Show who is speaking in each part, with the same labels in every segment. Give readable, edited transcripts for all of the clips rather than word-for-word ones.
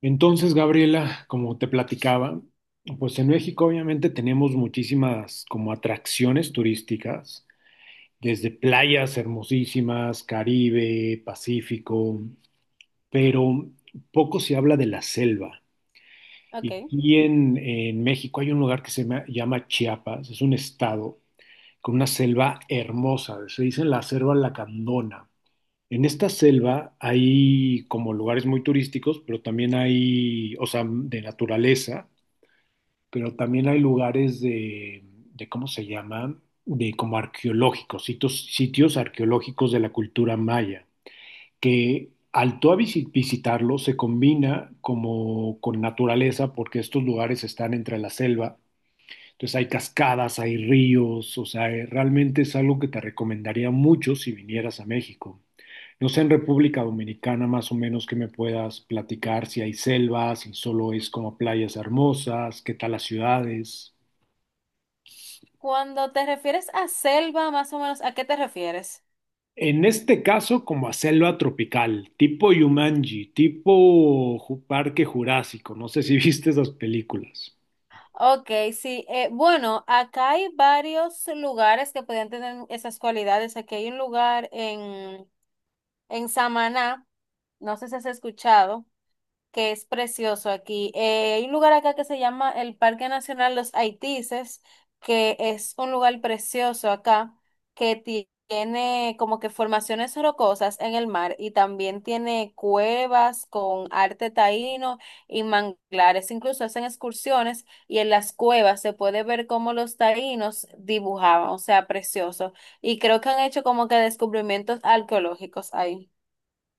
Speaker 1: Entonces, Gabriela, como te platicaba, pues en México obviamente tenemos muchísimas como atracciones turísticas, desde playas hermosísimas, Caribe, Pacífico, pero poco se habla de la selva.
Speaker 2: Ok.
Speaker 1: Y aquí en México hay un lugar que llama Chiapas, es un estado con una selva hermosa, se dice la selva lacandona. En esta selva hay como lugares muy turísticos, pero también hay, o sea, de naturaleza, pero también hay lugares de ¿cómo se llama? De como arqueológicos, sitios arqueológicos de la cultura maya, que al tú a visitarlo se combina como con naturaleza porque estos lugares están entre la selva, entonces hay cascadas, hay ríos, o sea, realmente es algo que te recomendaría mucho si vinieras a México. No sé en República Dominicana más o menos que me puedas platicar, si hay selvas, si solo es como playas hermosas, qué tal las ciudades.
Speaker 2: Cuando te refieres a selva, más o menos, ¿a qué te refieres?
Speaker 1: En este caso, como a selva tropical, tipo Yumanji, Parque Jurásico, no sé si viste esas películas.
Speaker 2: Ok, sí. Bueno, Acá hay varios lugares que podrían tener esas cualidades. Aquí hay un lugar en Samaná, no sé si has escuchado, que es precioso aquí. Hay un lugar acá que se llama el Parque Nacional Los Haitises, que es un lugar precioso acá, que tiene como que formaciones rocosas en el mar y también tiene cuevas con arte taíno y manglares. Incluso hacen excursiones y en las cuevas se puede ver cómo los taínos dibujaban, o sea, precioso. Y creo que han hecho como que descubrimientos arqueológicos ahí.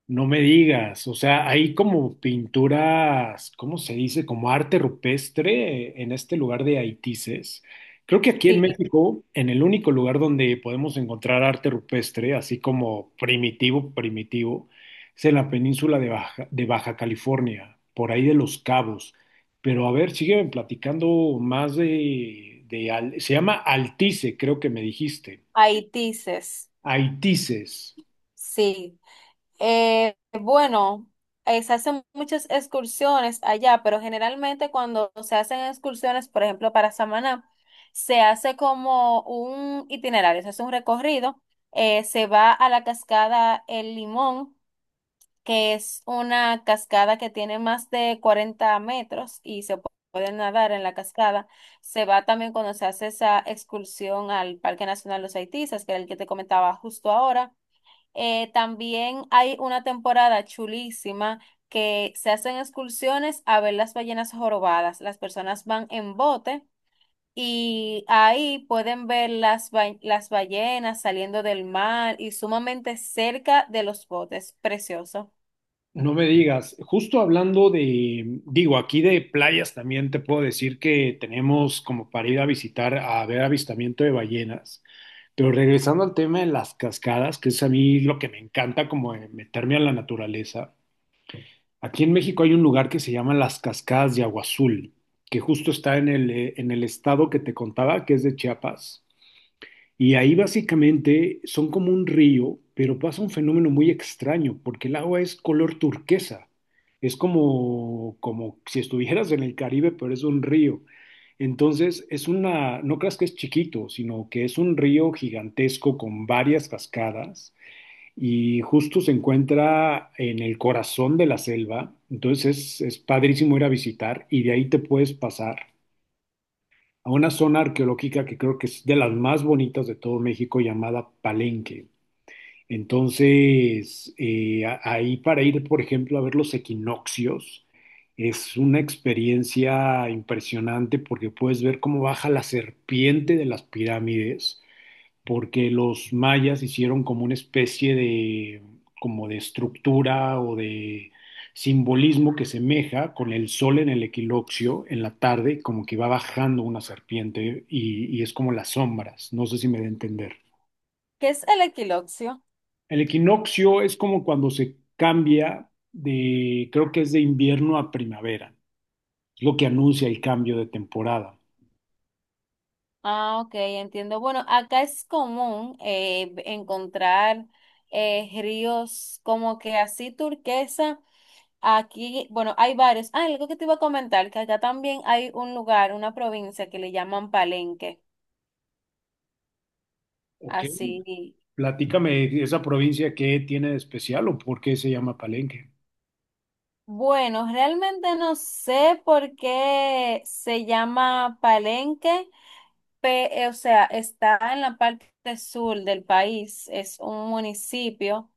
Speaker 1: No me digas, o sea, hay como pinturas, ¿cómo se dice? Como arte rupestre en este lugar de Haitises. Creo que aquí en
Speaker 2: Sí,
Speaker 1: México, en el único lugar donde podemos encontrar arte rupestre, así como primitivo, primitivo, es en la península de Baja California, por ahí de Los Cabos. Pero a ver, sigue platicando más de, se llama Altice, creo que me dijiste.
Speaker 2: Haitises.
Speaker 1: Haitises.
Speaker 2: Sí. Eh, bueno, Se hacen muchas excursiones allá, pero generalmente cuando se hacen excursiones, por ejemplo, para Samaná, se hace como un itinerario, se hace un recorrido, se va a la cascada El Limón, que es una cascada que tiene más de 40 metros y se puede nadar en la cascada. Se va también cuando se hace esa excursión al Parque Nacional Los Haitisas, que era el que te comentaba justo ahora. También hay una temporada chulísima que se hacen excursiones a ver las ballenas jorobadas. Las personas van en bote y ahí pueden ver las, las ballenas saliendo del mar y sumamente cerca de los botes. Precioso.
Speaker 1: No me digas, justo hablando de, digo, aquí de playas también te puedo decir que tenemos como para ir a visitar, a ver avistamiento de ballenas, pero regresando al tema de las cascadas, que es a mí lo que me encanta como de meterme a la naturaleza, aquí en México hay un lugar que se llama las Cascadas de Agua Azul, que justo está en el estado que te contaba, que es de Chiapas. Y ahí básicamente son como un río, pero pasa un fenómeno muy extraño, porque el agua es color turquesa. Es como, como si estuvieras en el Caribe, pero es un río. Entonces, es una, no creas que es chiquito, sino que es un río gigantesco con varias cascadas y justo se encuentra en el corazón de la selva. Entonces, es padrísimo ir a visitar y de ahí te puedes pasar a una zona arqueológica que creo que es de las más bonitas de todo México, llamada Palenque. Entonces, ahí para ir, por ejemplo, a ver los equinoccios, es una experiencia impresionante porque puedes ver cómo baja la serpiente de las pirámides, porque los mayas hicieron como una especie de, como de estructura o de simbolismo que semeja con el sol en el equinoccio en la tarde, como que va bajando una serpiente y es como las sombras, no sé si me da a entender.
Speaker 2: ¿Qué es el equiloccio?
Speaker 1: El equinoccio es como cuando se cambia de, creo que es de invierno a primavera, es lo que anuncia el cambio de temporada.
Speaker 2: Ah, ok, entiendo. Bueno, acá es común encontrar ríos como que así turquesa. Aquí, bueno, hay varios. Ah, algo que te iba a comentar, que acá también hay un lugar, una provincia que le llaman Palenque.
Speaker 1: Ok,
Speaker 2: Así.
Speaker 1: platícame esa provincia qué tiene de especial o por qué se llama Palenque.
Speaker 2: Bueno, realmente no sé por qué se llama Palenque, o sea, está en la parte sur del país, es un municipio.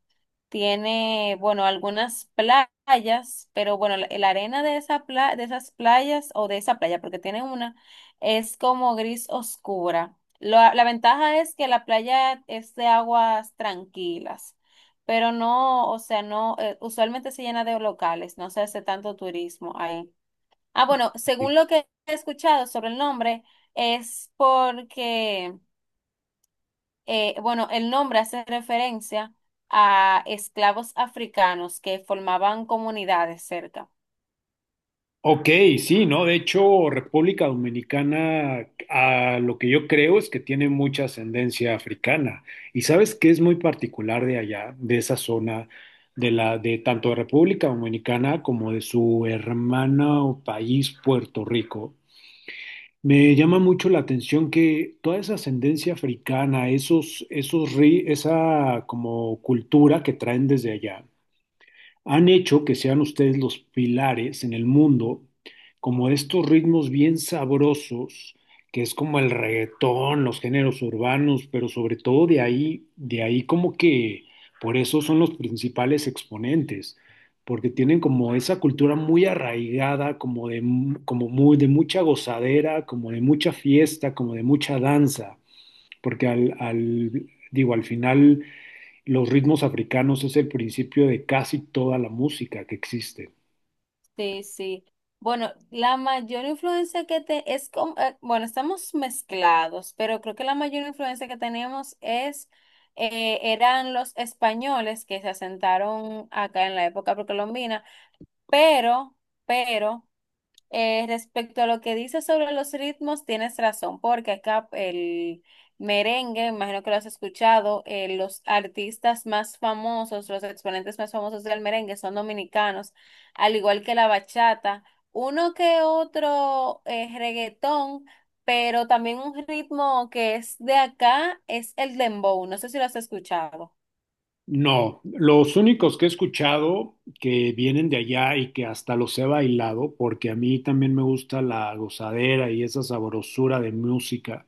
Speaker 2: Tiene, bueno, algunas playas, pero bueno, la arena de esa de esas playas o de esa playa, porque tiene una, es como gris oscura. La ventaja es que la playa es de aguas tranquilas, pero no, o sea, no, usualmente se llena de locales, no se hace tanto turismo ahí. Ah, bueno, según lo que he escuchado sobre el nombre, es porque bueno, el nombre hace referencia a esclavos africanos que formaban comunidades cerca.
Speaker 1: Ok, sí, ¿no? De hecho, República Dominicana, a lo que yo creo es que tiene mucha ascendencia africana. Y sabes qué es muy particular de allá, de esa zona, de la, de tanto de República Dominicana como de su hermana o país, Puerto Rico. Me llama mucho la atención que toda esa ascendencia africana, esa como cultura que traen desde allá han hecho que sean ustedes los pilares en el mundo, como estos ritmos bien sabrosos, que es como el reggaetón, los géneros urbanos, pero sobre todo de ahí como que por eso son los principales exponentes, porque tienen como esa cultura muy arraigada, como de, como muy, de mucha gozadera, como de mucha fiesta, como de mucha danza porque digo, al final los ritmos africanos es el principio de casi toda la música que existe.
Speaker 2: Sí, sí. Bueno, la mayor influencia que te es como, bueno, estamos mezclados, pero creo que la mayor influencia que tenemos es eran los españoles que se asentaron acá en la época precolombina, pero, pero respecto a lo que dices sobre los ritmos, tienes razón, porque acá el merengue, imagino que lo has escuchado, los artistas más famosos, los exponentes más famosos del merengue son dominicanos, al igual que la bachata, uno que otro reggaetón, pero también un ritmo que es de acá es el dembow, no sé si lo has escuchado.
Speaker 1: No, los únicos que he escuchado que vienen de allá y que hasta los he bailado, porque a mí también me gusta la gozadera y esa sabrosura de música,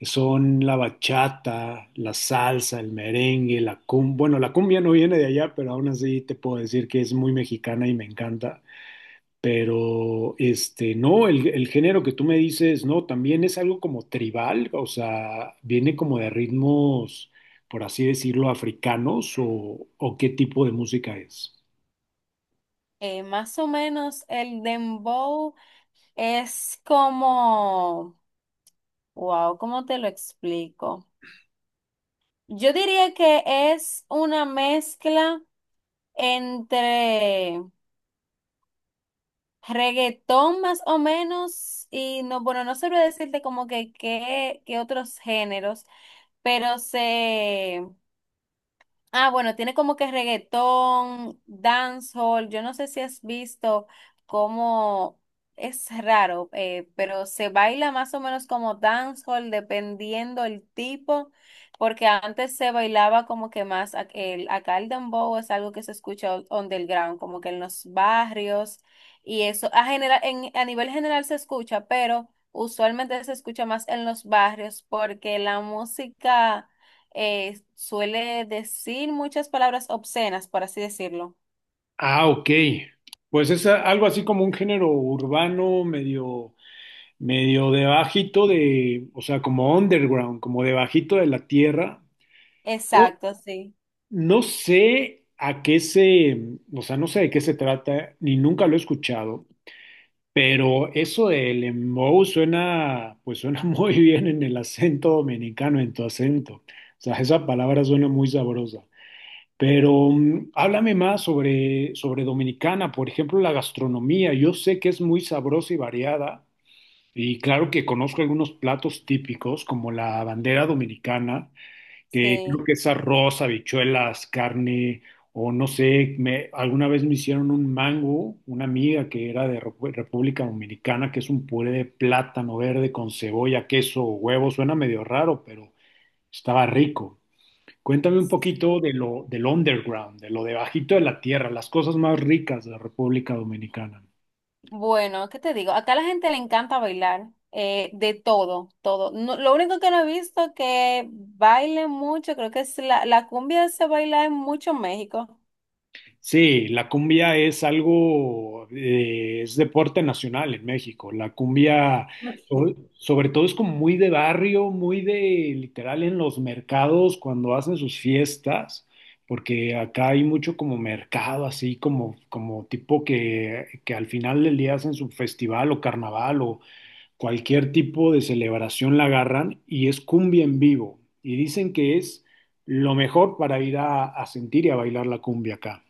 Speaker 1: son la bachata, la salsa, el merengue, la cumbia. Bueno, la cumbia no viene de allá, pero aún así te puedo decir que es muy mexicana y me encanta. Pero, este, no, el género que tú me dices, no, también es algo como tribal, o sea, viene como de ritmos, por así decirlo, africanos o qué tipo de música es.
Speaker 2: Más o menos el dembow es como... Wow, ¿cómo te lo explico? Yo diría que es una mezcla entre reggaetón más o menos y no, bueno, no sabría decirte como que qué, qué otros géneros, pero se... Ah, bueno, tiene como que reggaetón, dancehall. Yo no sé si has visto cómo es raro, pero se baila más o menos como dancehall dependiendo el tipo, porque antes se bailaba como que más el acá el dembow es algo que se escucha underground, como que en los barrios y eso a general en, a nivel general se escucha, pero usualmente se escucha más en los barrios porque la música suele decir muchas palabras obscenas, por así decirlo.
Speaker 1: Ah, ok. Pues es algo así como un género urbano, medio, medio de bajito de, o sea, como underground, como de bajito de la tierra. No,
Speaker 2: Exacto, sí,
Speaker 1: no sé a qué se, o sea, no sé de qué se trata, ni nunca lo he escuchado. Pero eso del embou suena, pues suena muy bien en el acento dominicano, en tu acento. O sea, esa palabra suena muy sabrosa. Pero háblame más sobre Dominicana, por ejemplo, la gastronomía. Yo sé que es muy sabrosa y variada. Y claro que conozco algunos platos típicos, como la bandera dominicana, que creo
Speaker 2: sí.
Speaker 1: que es arroz, habichuelas, carne, o no sé, me, alguna vez me hicieron un mango, una amiga que era de República Dominicana, que es un puré de plátano verde con cebolla, queso, huevo, suena medio raro, pero estaba rico. Cuéntame un poquito de
Speaker 2: Sí.
Speaker 1: lo, del underground, de lo debajito de la tierra, las cosas más ricas de la República Dominicana.
Speaker 2: Bueno, ¿qué te digo? Acá a la gente le encanta bailar, de todo, todo. Lo único que no he visto que baile mucho, creo que es la, la cumbia se baila en mucho en México.
Speaker 1: Sí, la cumbia es algo, es deporte nacional en México. La cumbia, sobre todo, es como muy de barrio, muy de literal en los mercados cuando hacen sus fiestas, porque acá hay mucho como mercado, así como, como tipo que al final del día hacen su festival o carnaval o cualquier tipo de celebración la agarran y es cumbia en vivo. Y dicen que es lo mejor para ir a sentir y a bailar la cumbia acá.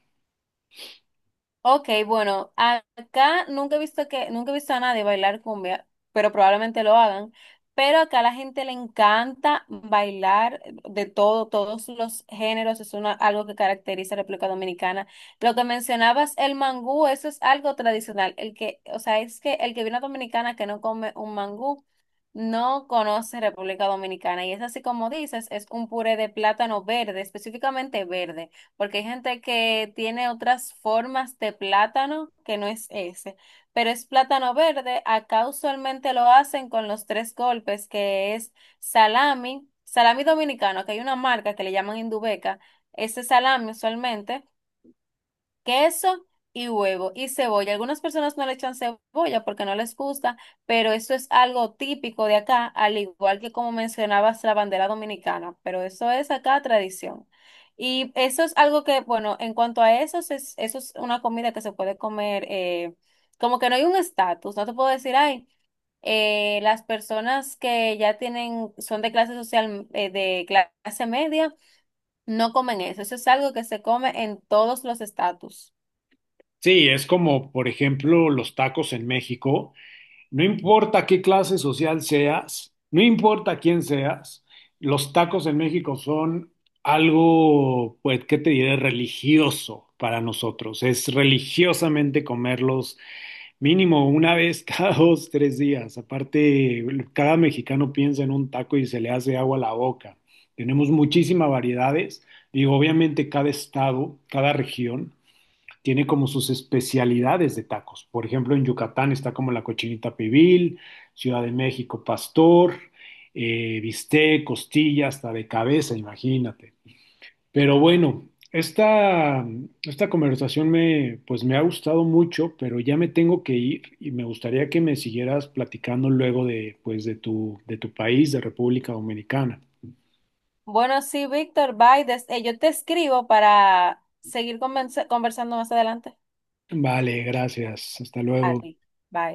Speaker 2: Ok, bueno, acá nunca he visto que, nunca he visto a nadie bailar cumbia, pero probablemente lo hagan. Pero acá a la gente le encanta bailar de todo, todos los géneros, es una, algo que caracteriza a República Dominicana. Lo que mencionabas, el mangú, eso es algo tradicional. El que, o sea, es que el que viene a Dominicana que no come un mangú, no conoce República Dominicana. Y es así como dices, es un puré de plátano verde, específicamente verde, porque hay gente que tiene otras formas de plátano que no es ese, pero es plátano verde. Acá usualmente lo hacen con los tres golpes, que es salami, salami dominicano, que hay una marca que le llaman Indubeca. Ese salami usualmente, queso y huevo y cebolla. Algunas personas no le echan cebolla porque no les gusta, pero eso es algo típico de acá, al igual que como mencionabas la bandera dominicana, pero eso es acá tradición. Y eso es algo que, bueno, en cuanto a eso, es, eso es una comida que se puede comer, como que no hay un estatus, no te puedo decir, ay, las personas que ya tienen, son de clase social, de clase media, no comen eso, eso es algo que se come en todos los estatus.
Speaker 1: Sí, es como, por ejemplo, los tacos en México. No importa qué clase social seas, no importa quién seas, los tacos en México son algo, pues, ¿qué te diré? Religioso para nosotros. Es religiosamente comerlos mínimo una vez cada dos, tres días. Aparte, cada mexicano piensa en un taco y se le hace agua a la boca. Tenemos muchísimas variedades. Digo, obviamente cada estado, cada región tiene como sus especialidades de tacos. Por ejemplo, en Yucatán está como la cochinita pibil, Ciudad de México pastor, bistec, costilla, hasta de cabeza, imagínate. Pero bueno, esta conversación me, pues me ha gustado mucho, pero ya me tengo que ir y me gustaría que me siguieras platicando luego de, pues, de tu país, de República Dominicana.
Speaker 2: Bueno, sí, Víctor, bye. Yo te escribo para seguir conversando más adelante.
Speaker 1: Vale, gracias. Hasta
Speaker 2: A
Speaker 1: luego.
Speaker 2: ti, bye.